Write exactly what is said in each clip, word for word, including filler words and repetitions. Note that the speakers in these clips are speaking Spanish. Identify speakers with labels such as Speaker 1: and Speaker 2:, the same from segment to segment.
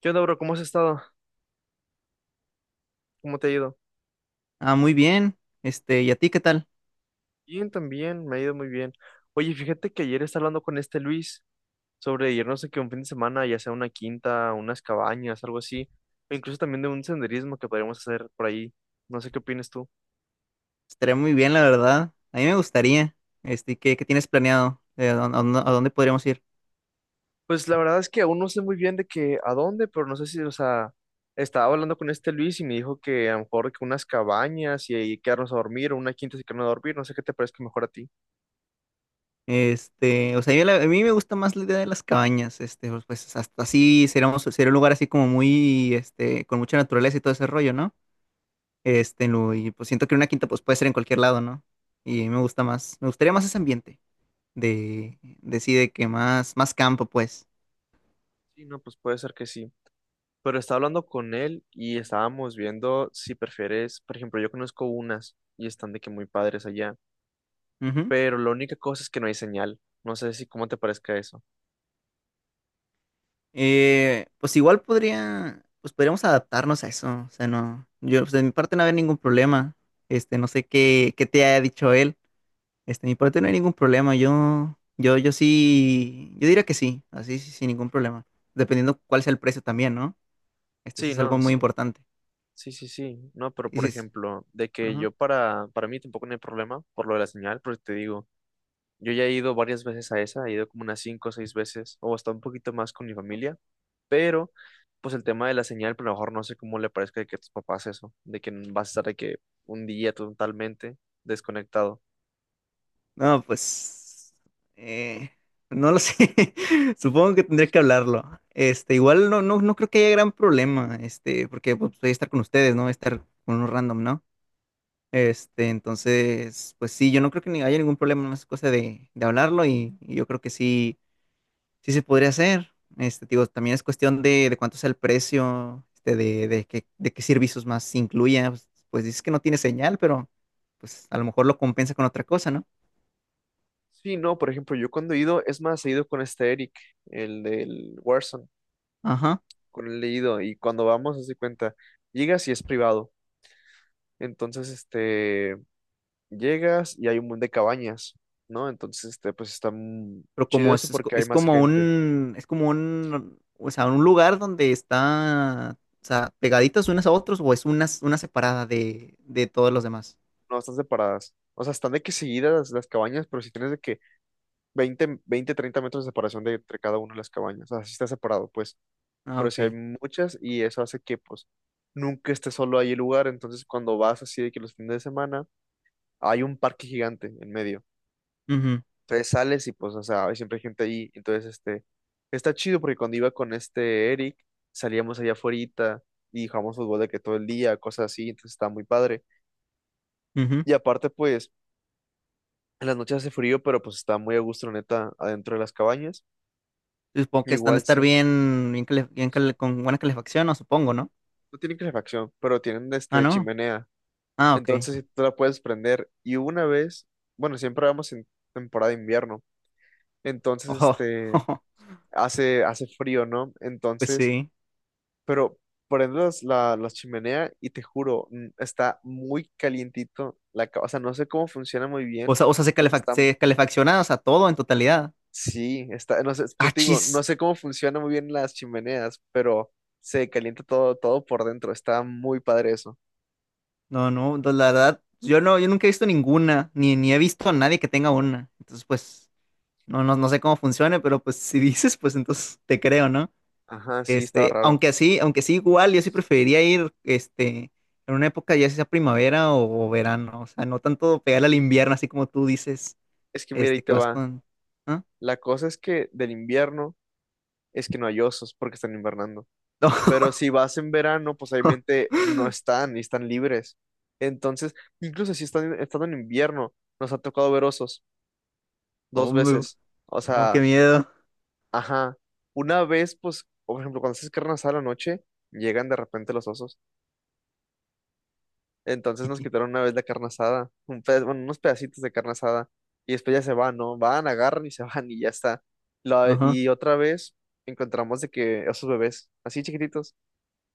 Speaker 1: ¿Qué onda, bro? ¿Cómo has estado? ¿Cómo te ha ido?
Speaker 2: Ah, muy bien. Este, ¿y a ti qué tal?
Speaker 1: Bien, también, me ha ido muy bien. Oye, fíjate que ayer estaba hablando con este Luis sobre irnos aquí un fin de semana, ya sea una quinta, unas cabañas, algo así, o incluso también de un senderismo que podríamos hacer por ahí. No sé qué opinas tú.
Speaker 2: Estaría muy bien, la verdad. A mí me gustaría. Este, ¿qué, qué tienes planeado? Eh, ¿a, dónde, a dónde podríamos ir?
Speaker 1: Pues la verdad es que aún no sé muy bien de que a dónde, pero no sé si, o sea, estaba hablando con este Luis y me dijo que a lo mejor que unas cabañas y ahí quedarnos a dormir, o una quinta y quedarnos a dormir, no sé qué te parezca mejor a ti.
Speaker 2: Este, o sea, yo la- a mí me gusta más la idea de las cabañas. Este, pues pues, hasta así seríamos, sería un lugar así como muy, este, con mucha naturaleza y todo ese rollo, ¿no? Este, lo- y pues siento que una quinta pues puede ser en cualquier lado, ¿no? Y me gusta más, me gustaría más ese ambiente de, de sí, de que más, más campo, pues.
Speaker 1: Sí, no, pues puede ser que sí. Pero estaba hablando con él y estábamos viendo si prefieres, por ejemplo, yo conozco unas y están de que muy padres allá,
Speaker 2: Ujú.
Speaker 1: pero la única cosa es que no hay señal. No sé si cómo te parezca eso.
Speaker 2: Eh, pues igual podría, pues podríamos adaptarnos a eso. O sea, no, yo, pues de mi parte no había ningún problema. Este, no sé qué, qué te haya dicho él. Este, de mi parte no hay ningún problema. Yo, yo, yo sí, yo diría que sí, así sí, sin ningún problema. Dependiendo cuál sea el precio también, ¿no? Este, eso
Speaker 1: Sí,
Speaker 2: es algo
Speaker 1: no,
Speaker 2: muy
Speaker 1: sí.
Speaker 2: importante.
Speaker 1: Sí, sí, sí. No, pero
Speaker 2: Y
Speaker 1: por
Speaker 2: dices,
Speaker 1: ejemplo, de que
Speaker 2: ajá.
Speaker 1: yo para, para mí tampoco no hay problema por lo de la señal, porque te digo, yo ya he ido varias veces a esa, he ido como unas cinco o seis veces, o hasta un poquito más con mi familia, pero pues el tema de la señal, pero a lo mejor no sé cómo le parezca de que a tus papás eso, de que vas a estar de que un día totalmente desconectado.
Speaker 2: No, pues eh, no lo sé. Supongo que tendré que hablarlo. Este, igual no, no, no creo que haya gran problema, este, porque pues, voy a estar con ustedes, ¿no? Voy a estar con unos random, ¿no? Este, entonces, pues sí, yo no creo que ni haya ningún problema, más es cosa de, de hablarlo y, y yo creo que sí, sí se podría hacer. Este, digo, también es cuestión de, de cuánto sea el precio, este, de, de qué, de qué servicios más se incluya. Pues, pues dices que no tiene señal, pero pues a lo mejor lo compensa con otra cosa, ¿no?
Speaker 1: Sí, no, por ejemplo, yo cuando he ido, es más, he ido con este Eric, el del Warzone,
Speaker 2: Ajá.
Speaker 1: con él he ido, y cuando vamos, haz de cuenta, llegas y es privado, entonces, este, llegas y hay un montón de cabañas, ¿no? Entonces, este, pues está mm,
Speaker 2: Pero
Speaker 1: chido
Speaker 2: como
Speaker 1: eso
Speaker 2: es, es, co-
Speaker 1: porque hay
Speaker 2: es
Speaker 1: más
Speaker 2: como
Speaker 1: gente.
Speaker 2: un, es como un, o sea, un lugar donde está, o sea, pegaditas unas a otras o es una, una separada de, de todos los demás.
Speaker 1: No están separadas. O sea, están de que seguidas las las cabañas, pero si tienes de que veinte veinte treinta metros de separación de entre cada una de las cabañas. O sea, sí está separado, pues.
Speaker 2: Ah,
Speaker 1: Pero si hay
Speaker 2: ok.
Speaker 1: muchas y eso hace que, pues, nunca esté solo ahí el lugar. Entonces, cuando vas así de que los fines de semana, hay un parque gigante en medio.
Speaker 2: Ujú,
Speaker 1: Entonces sales y, pues, o sea, hay siempre gente ahí. Entonces, este, está chido porque cuando iba con este Eric, salíamos allá afuera y jugamos fútbol de que todo el día, cosas así. Entonces, está muy padre.
Speaker 2: ujú.
Speaker 1: Y aparte, pues en las noches hace frío, pero pues está muy a gusto, la neta, adentro de las cabañas.
Speaker 2: Supongo que están de
Speaker 1: Igual,
Speaker 2: estar
Speaker 1: si es-
Speaker 2: bien, bien, cale- bien cale- con buena calefacción, no supongo, ¿no?
Speaker 1: no tienen calefacción, pero tienen
Speaker 2: Ah,
Speaker 1: este
Speaker 2: no.
Speaker 1: chimenea.
Speaker 2: Ah, ok.
Speaker 1: Entonces, sí, tú la puedes prender. Y una vez, bueno, siempre vamos en temporada de invierno. Entonces,
Speaker 2: Ojo,
Speaker 1: este, hace, hace frío, ¿no?
Speaker 2: pues
Speaker 1: Entonces,
Speaker 2: sí.
Speaker 1: pero prendes la, la chimenea y te juro, mm, está muy calientito la ca- O sea, no sé cómo funciona muy
Speaker 2: O
Speaker 1: bien,
Speaker 2: sea, o sea, se
Speaker 1: pero
Speaker 2: calefac-
Speaker 1: está
Speaker 2: se calefacciona, o sea, todo en totalidad.
Speaker 1: sí, está, no sé, es por-
Speaker 2: Ah,
Speaker 1: te digo, no
Speaker 2: chis.
Speaker 1: sé cómo funcionan muy bien las chimeneas, pero se calienta todo, todo por dentro. Está muy padre eso.
Speaker 2: No, no, no, la verdad, yo no, yo nunca he visto ninguna, ni, ni he visto a nadie que tenga una. Entonces, pues. No, no, no sé cómo funcione, pero pues si dices, pues entonces te creo, ¿no?
Speaker 1: Ajá, sí, estaba
Speaker 2: Este,
Speaker 1: raro.
Speaker 2: aunque así, aunque sí igual, yo sí preferiría ir, este, en una época ya sea primavera o, o verano, o sea, no tanto pegarle al invierno, así como tú dices,
Speaker 1: Es que mira, ahí
Speaker 2: este, que
Speaker 1: te
Speaker 2: vas
Speaker 1: va.
Speaker 2: con, ¿ah?
Speaker 1: La cosa es que del invierno es que no hay osos porque están invernando. Pero si vas en verano, pues
Speaker 2: No.
Speaker 1: obviamente no están y están libres. Entonces, incluso si están estando en invierno, nos ha tocado ver osos dos
Speaker 2: Hombre,
Speaker 1: veces. O
Speaker 2: no, qué
Speaker 1: sea,
Speaker 2: miedo.
Speaker 1: ajá. Una vez, pues, por ejemplo, cuando haces carne asada a la noche, llegan de repente los osos. Entonces
Speaker 2: Y
Speaker 1: nos
Speaker 2: que,
Speaker 1: quitaron una vez la carne asada, un peda- bueno, unos pedacitos de carne asada, y después ya se van, ¿no? Van, agarran y se van y ya está. La-
Speaker 2: ajá,
Speaker 1: y otra vez encontramos de que esos bebés, así chiquititos,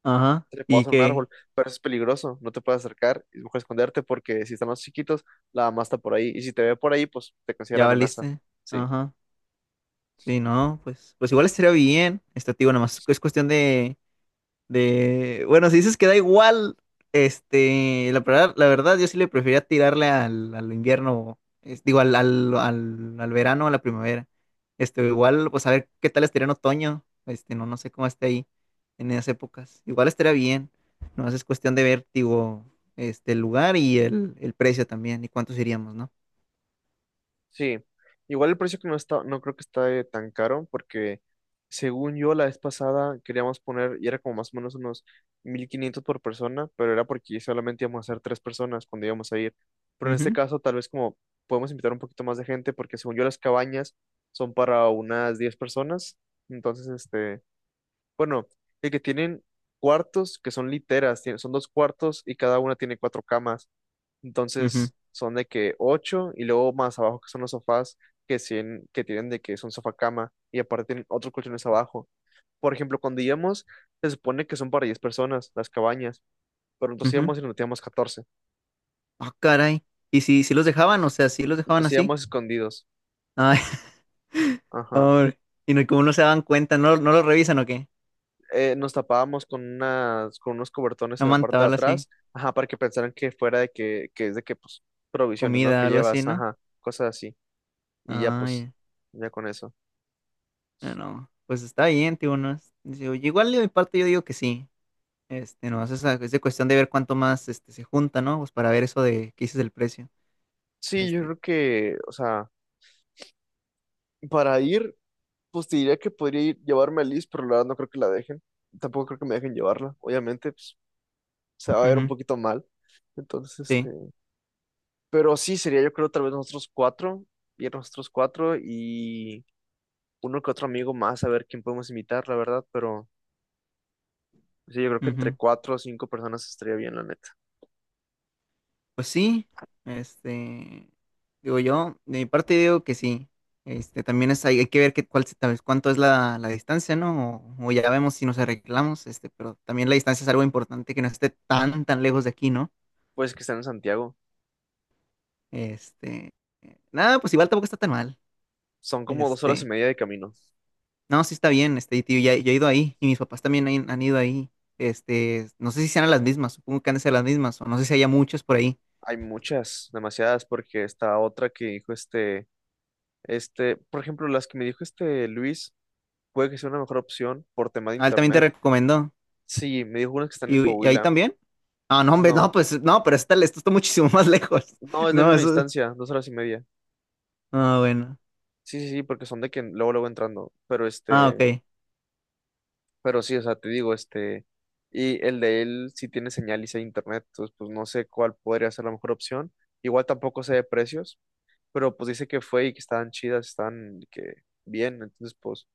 Speaker 2: ajá,
Speaker 1: se le
Speaker 2: y
Speaker 1: pasan un
Speaker 2: que
Speaker 1: árbol, pero eso es peligroso, no te puedes acercar, es mejor esconderte porque si están más chiquitos, la mamá está por ahí, y si te ve por ahí, pues te considera
Speaker 2: ya
Speaker 1: amenaza,
Speaker 2: valiste,
Speaker 1: sí.
Speaker 2: ajá, sí, no, pues, pues igual estaría bien, este, te digo, nada más es cuestión de. De, bueno, si dices que da igual, este, la verdad, la verdad, yo sí le prefería tirarle al, al invierno, es- digo, al, al, al, al verano, a la primavera. Este, igual, pues a ver qué tal estaría en otoño. Este, no, no sé cómo esté ahí en esas épocas. Igual estaría bien. No es cuestión de ver, digo, este, el lugar y el, el precio también, y cuántos iríamos, ¿no?
Speaker 1: Sí, igual el precio que no está, no creo que está eh, tan caro, porque según yo la vez pasada queríamos poner, y era como más o menos unos mil quinientos por persona, pero era porque solamente íbamos a ser tres personas cuando íbamos a ir. Pero en este
Speaker 2: Ujú,
Speaker 1: caso tal vez como podemos invitar un poquito más de gente, porque según yo las cabañas son para unas diez personas. Entonces, este, bueno, el que tienen cuartos que son literas, tiene- son dos cuartos y cada una tiene cuatro camas.
Speaker 2: ujú,
Speaker 1: Entonces son de que ocho y luego más abajo que son los sofás que, sien- que tienen de que son sofá cama y aparte tienen otros colchones abajo. Por ejemplo, cuando íbamos, se supone que son para diez personas las cabañas, pero nosotros
Speaker 2: ujú.
Speaker 1: íbamos y nos metíamos catorce.
Speaker 2: Ah, caray. ¿Y si, si los dejaban? O sea, si los dejaban
Speaker 1: Nos
Speaker 2: así.
Speaker 1: íbamos escondidos.
Speaker 2: Ay,
Speaker 1: Ajá.
Speaker 2: pobre. Y no, como no se daban cuenta, no, no lo revisan o qué.
Speaker 1: Eh, nos tapábamos con unas, con unos cobertones
Speaker 2: No
Speaker 1: en la parte
Speaker 2: manta,
Speaker 1: de
Speaker 2: algo así.
Speaker 1: atrás, ajá, para que pensaran que fuera de que, que es de que, pues, provisiones, ¿no?
Speaker 2: Comida,
Speaker 1: Que
Speaker 2: algo así,
Speaker 1: llevas,
Speaker 2: ¿no?
Speaker 1: ajá, cosas así. Y ya, pues,
Speaker 2: Ay,
Speaker 1: ya con eso.
Speaker 2: no. Pues está bien, tío, no es- digo, igual de mi parte yo digo que sí. Este, no, es, esa- es de cuestión de ver cuánto más este, se junta, ¿no? Pues para ver eso de qué dices del precio.
Speaker 1: Sí, yo
Speaker 2: Este,
Speaker 1: creo que, o sea, para ir pues te diría que podría ir- llevarme a Liz, pero la verdad no creo que la dejen. Tampoco creo que me dejen llevarla. Obviamente, pues, se va a ver un
Speaker 2: Ujú,
Speaker 1: poquito mal. Entonces, este.
Speaker 2: sí.
Speaker 1: Pero sí, sería yo creo tal vez nosotros cuatro. Ir nosotros cuatro y uno que otro amigo más a ver quién podemos invitar, la verdad. Pero sí, yo creo que entre
Speaker 2: Ujú.
Speaker 1: cuatro o cinco personas estaría bien, la neta.
Speaker 2: Pues sí, este, digo yo, de mi parte digo que sí. Este, también es, hay, hay que ver qué cuál, se- tal vez cuánto es la, la distancia, ¿no? O, o ya vemos si nos arreglamos, este, pero también la distancia es algo importante que no esté tan, tan lejos de aquí, ¿no?
Speaker 1: Pues que están en Santiago.
Speaker 2: Este, eh, Nada, pues igual tampoco está tan mal.
Speaker 1: Son como dos horas y
Speaker 2: Este,
Speaker 1: media de camino.
Speaker 2: no, sí está bien, este, y tío, ya, yo he ido ahí y mis papás también han, han ido ahí. Este, no sé si sean las mismas, supongo que han de ser las mismas, o no sé si haya muchos por ahí.
Speaker 1: Hay muchas, demasiadas, porque esta otra que dijo este. Este, por ejemplo, las que me dijo este Luis. Puede que sea una mejor opción por tema de
Speaker 2: Ah, él también te
Speaker 1: internet.
Speaker 2: recomendó.
Speaker 1: Sí, me dijo unas que están en
Speaker 2: ¿Y, y ahí
Speaker 1: Coahuila.
Speaker 2: también? Ah, no, hombre, no,
Speaker 1: No,
Speaker 2: pues no, pero está, esto está muchísimo más lejos.
Speaker 1: no, es la
Speaker 2: No,
Speaker 1: misma
Speaker 2: eso.
Speaker 1: distancia, dos horas y media.
Speaker 2: Ah, bueno.
Speaker 1: Sí, sí, sí, porque son de que luego, luego entrando. Pero
Speaker 2: Ah,
Speaker 1: este,
Speaker 2: ok.
Speaker 1: pero sí, o sea, te digo, este, y el de él sí tiene señal y sí hay internet, entonces pues no sé cuál podría ser la mejor opción. Igual tampoco sé de precios, pero pues dice que fue y que estaban chidas, estaban que bien, entonces pues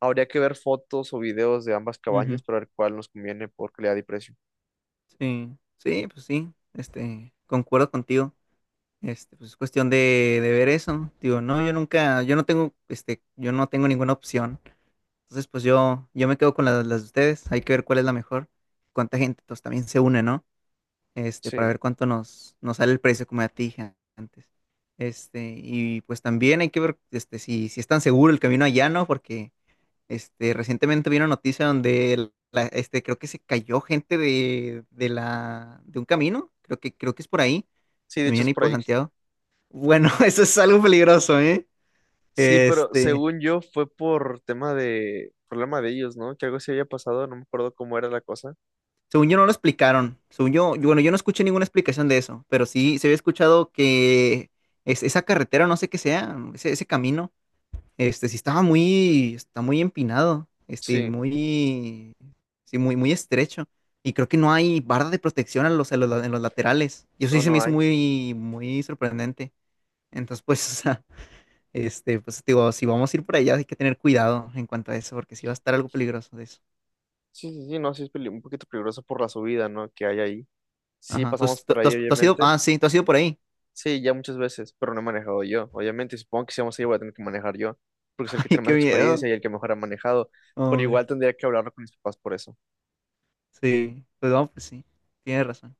Speaker 1: habría que ver fotos o videos de ambas
Speaker 2: Ujú.
Speaker 1: cabañas para ver cuál nos conviene por calidad y precio.
Speaker 2: Sí, sí, pues sí. Este, concuerdo contigo. Este, pues es cuestión de, de ver eso. Digo, no, yo nunca, yo no tengo, este, yo no tengo ninguna opción. Entonces, pues yo, yo me quedo con las, las de ustedes. Hay que ver cuál es la mejor. Cuánta gente, pues también se une, ¿no? Este,
Speaker 1: Sí,
Speaker 2: para ver cuánto nos, nos sale el precio, como ya te dije antes. Este, y pues también hay que ver, este, si, si es tan seguro el camino allá, ¿no? Porque Este, recientemente vi una noticia donde el- la- este, creo que se cayó gente de, de la, de un camino, creo que, creo que es por ahí,
Speaker 1: sí, de hecho
Speaker 2: también
Speaker 1: es
Speaker 2: ahí
Speaker 1: por
Speaker 2: por
Speaker 1: ahí.
Speaker 2: Santiago. Bueno, eso es algo peligroso, ¿eh?
Speaker 1: Sí, pero
Speaker 2: Este,
Speaker 1: según yo fue por tema de problema de ellos, ¿no? Que algo se había pasado, no me acuerdo cómo era la cosa.
Speaker 2: Según yo no lo explicaron, según yo, yo- bueno, yo no escuché ninguna explicación de eso, pero sí se había escuchado que es, esa carretera, no sé qué sea, ese, ese camino. Este, sí estaba muy, está muy empinado, este,
Speaker 1: Sí,
Speaker 2: muy, sí, muy, muy estrecho. Y creo que no hay barra de protección en los, en los, la- en los laterales. Y eso sí
Speaker 1: no,
Speaker 2: se me
Speaker 1: no
Speaker 2: hizo
Speaker 1: hay.
Speaker 2: muy, muy sorprendente. Entonces, pues, o sea, este, pues, digo, si vamos a ir por allá, hay que tener cuidado en cuanto a eso, porque sí va a estar algo peligroso de eso.
Speaker 1: Sí, sí, sí, no, sí es peli- un poquito peligroso por la subida, ¿no? Que hay ahí. Sí,
Speaker 2: Ajá. ¿Tú,
Speaker 1: pasamos
Speaker 2: has- tú-
Speaker 1: por
Speaker 2: tú
Speaker 1: ahí,
Speaker 2: has, tú has ido?
Speaker 1: obviamente.
Speaker 2: Ah, sí, tú has ido por ahí.
Speaker 1: Sí, ya muchas veces, pero no he manejado yo, obviamente. Y supongo que si vamos ahí voy a tener que manejar yo, porque es el que
Speaker 2: Ay,
Speaker 1: tiene más
Speaker 2: qué
Speaker 1: experiencia
Speaker 2: miedo.
Speaker 1: y el que mejor ha manejado. Pero
Speaker 2: Hombre,
Speaker 1: igual tendría que hablarlo con mis papás por eso.
Speaker 2: sí. Pues vamos, pues sí. Tienes razón.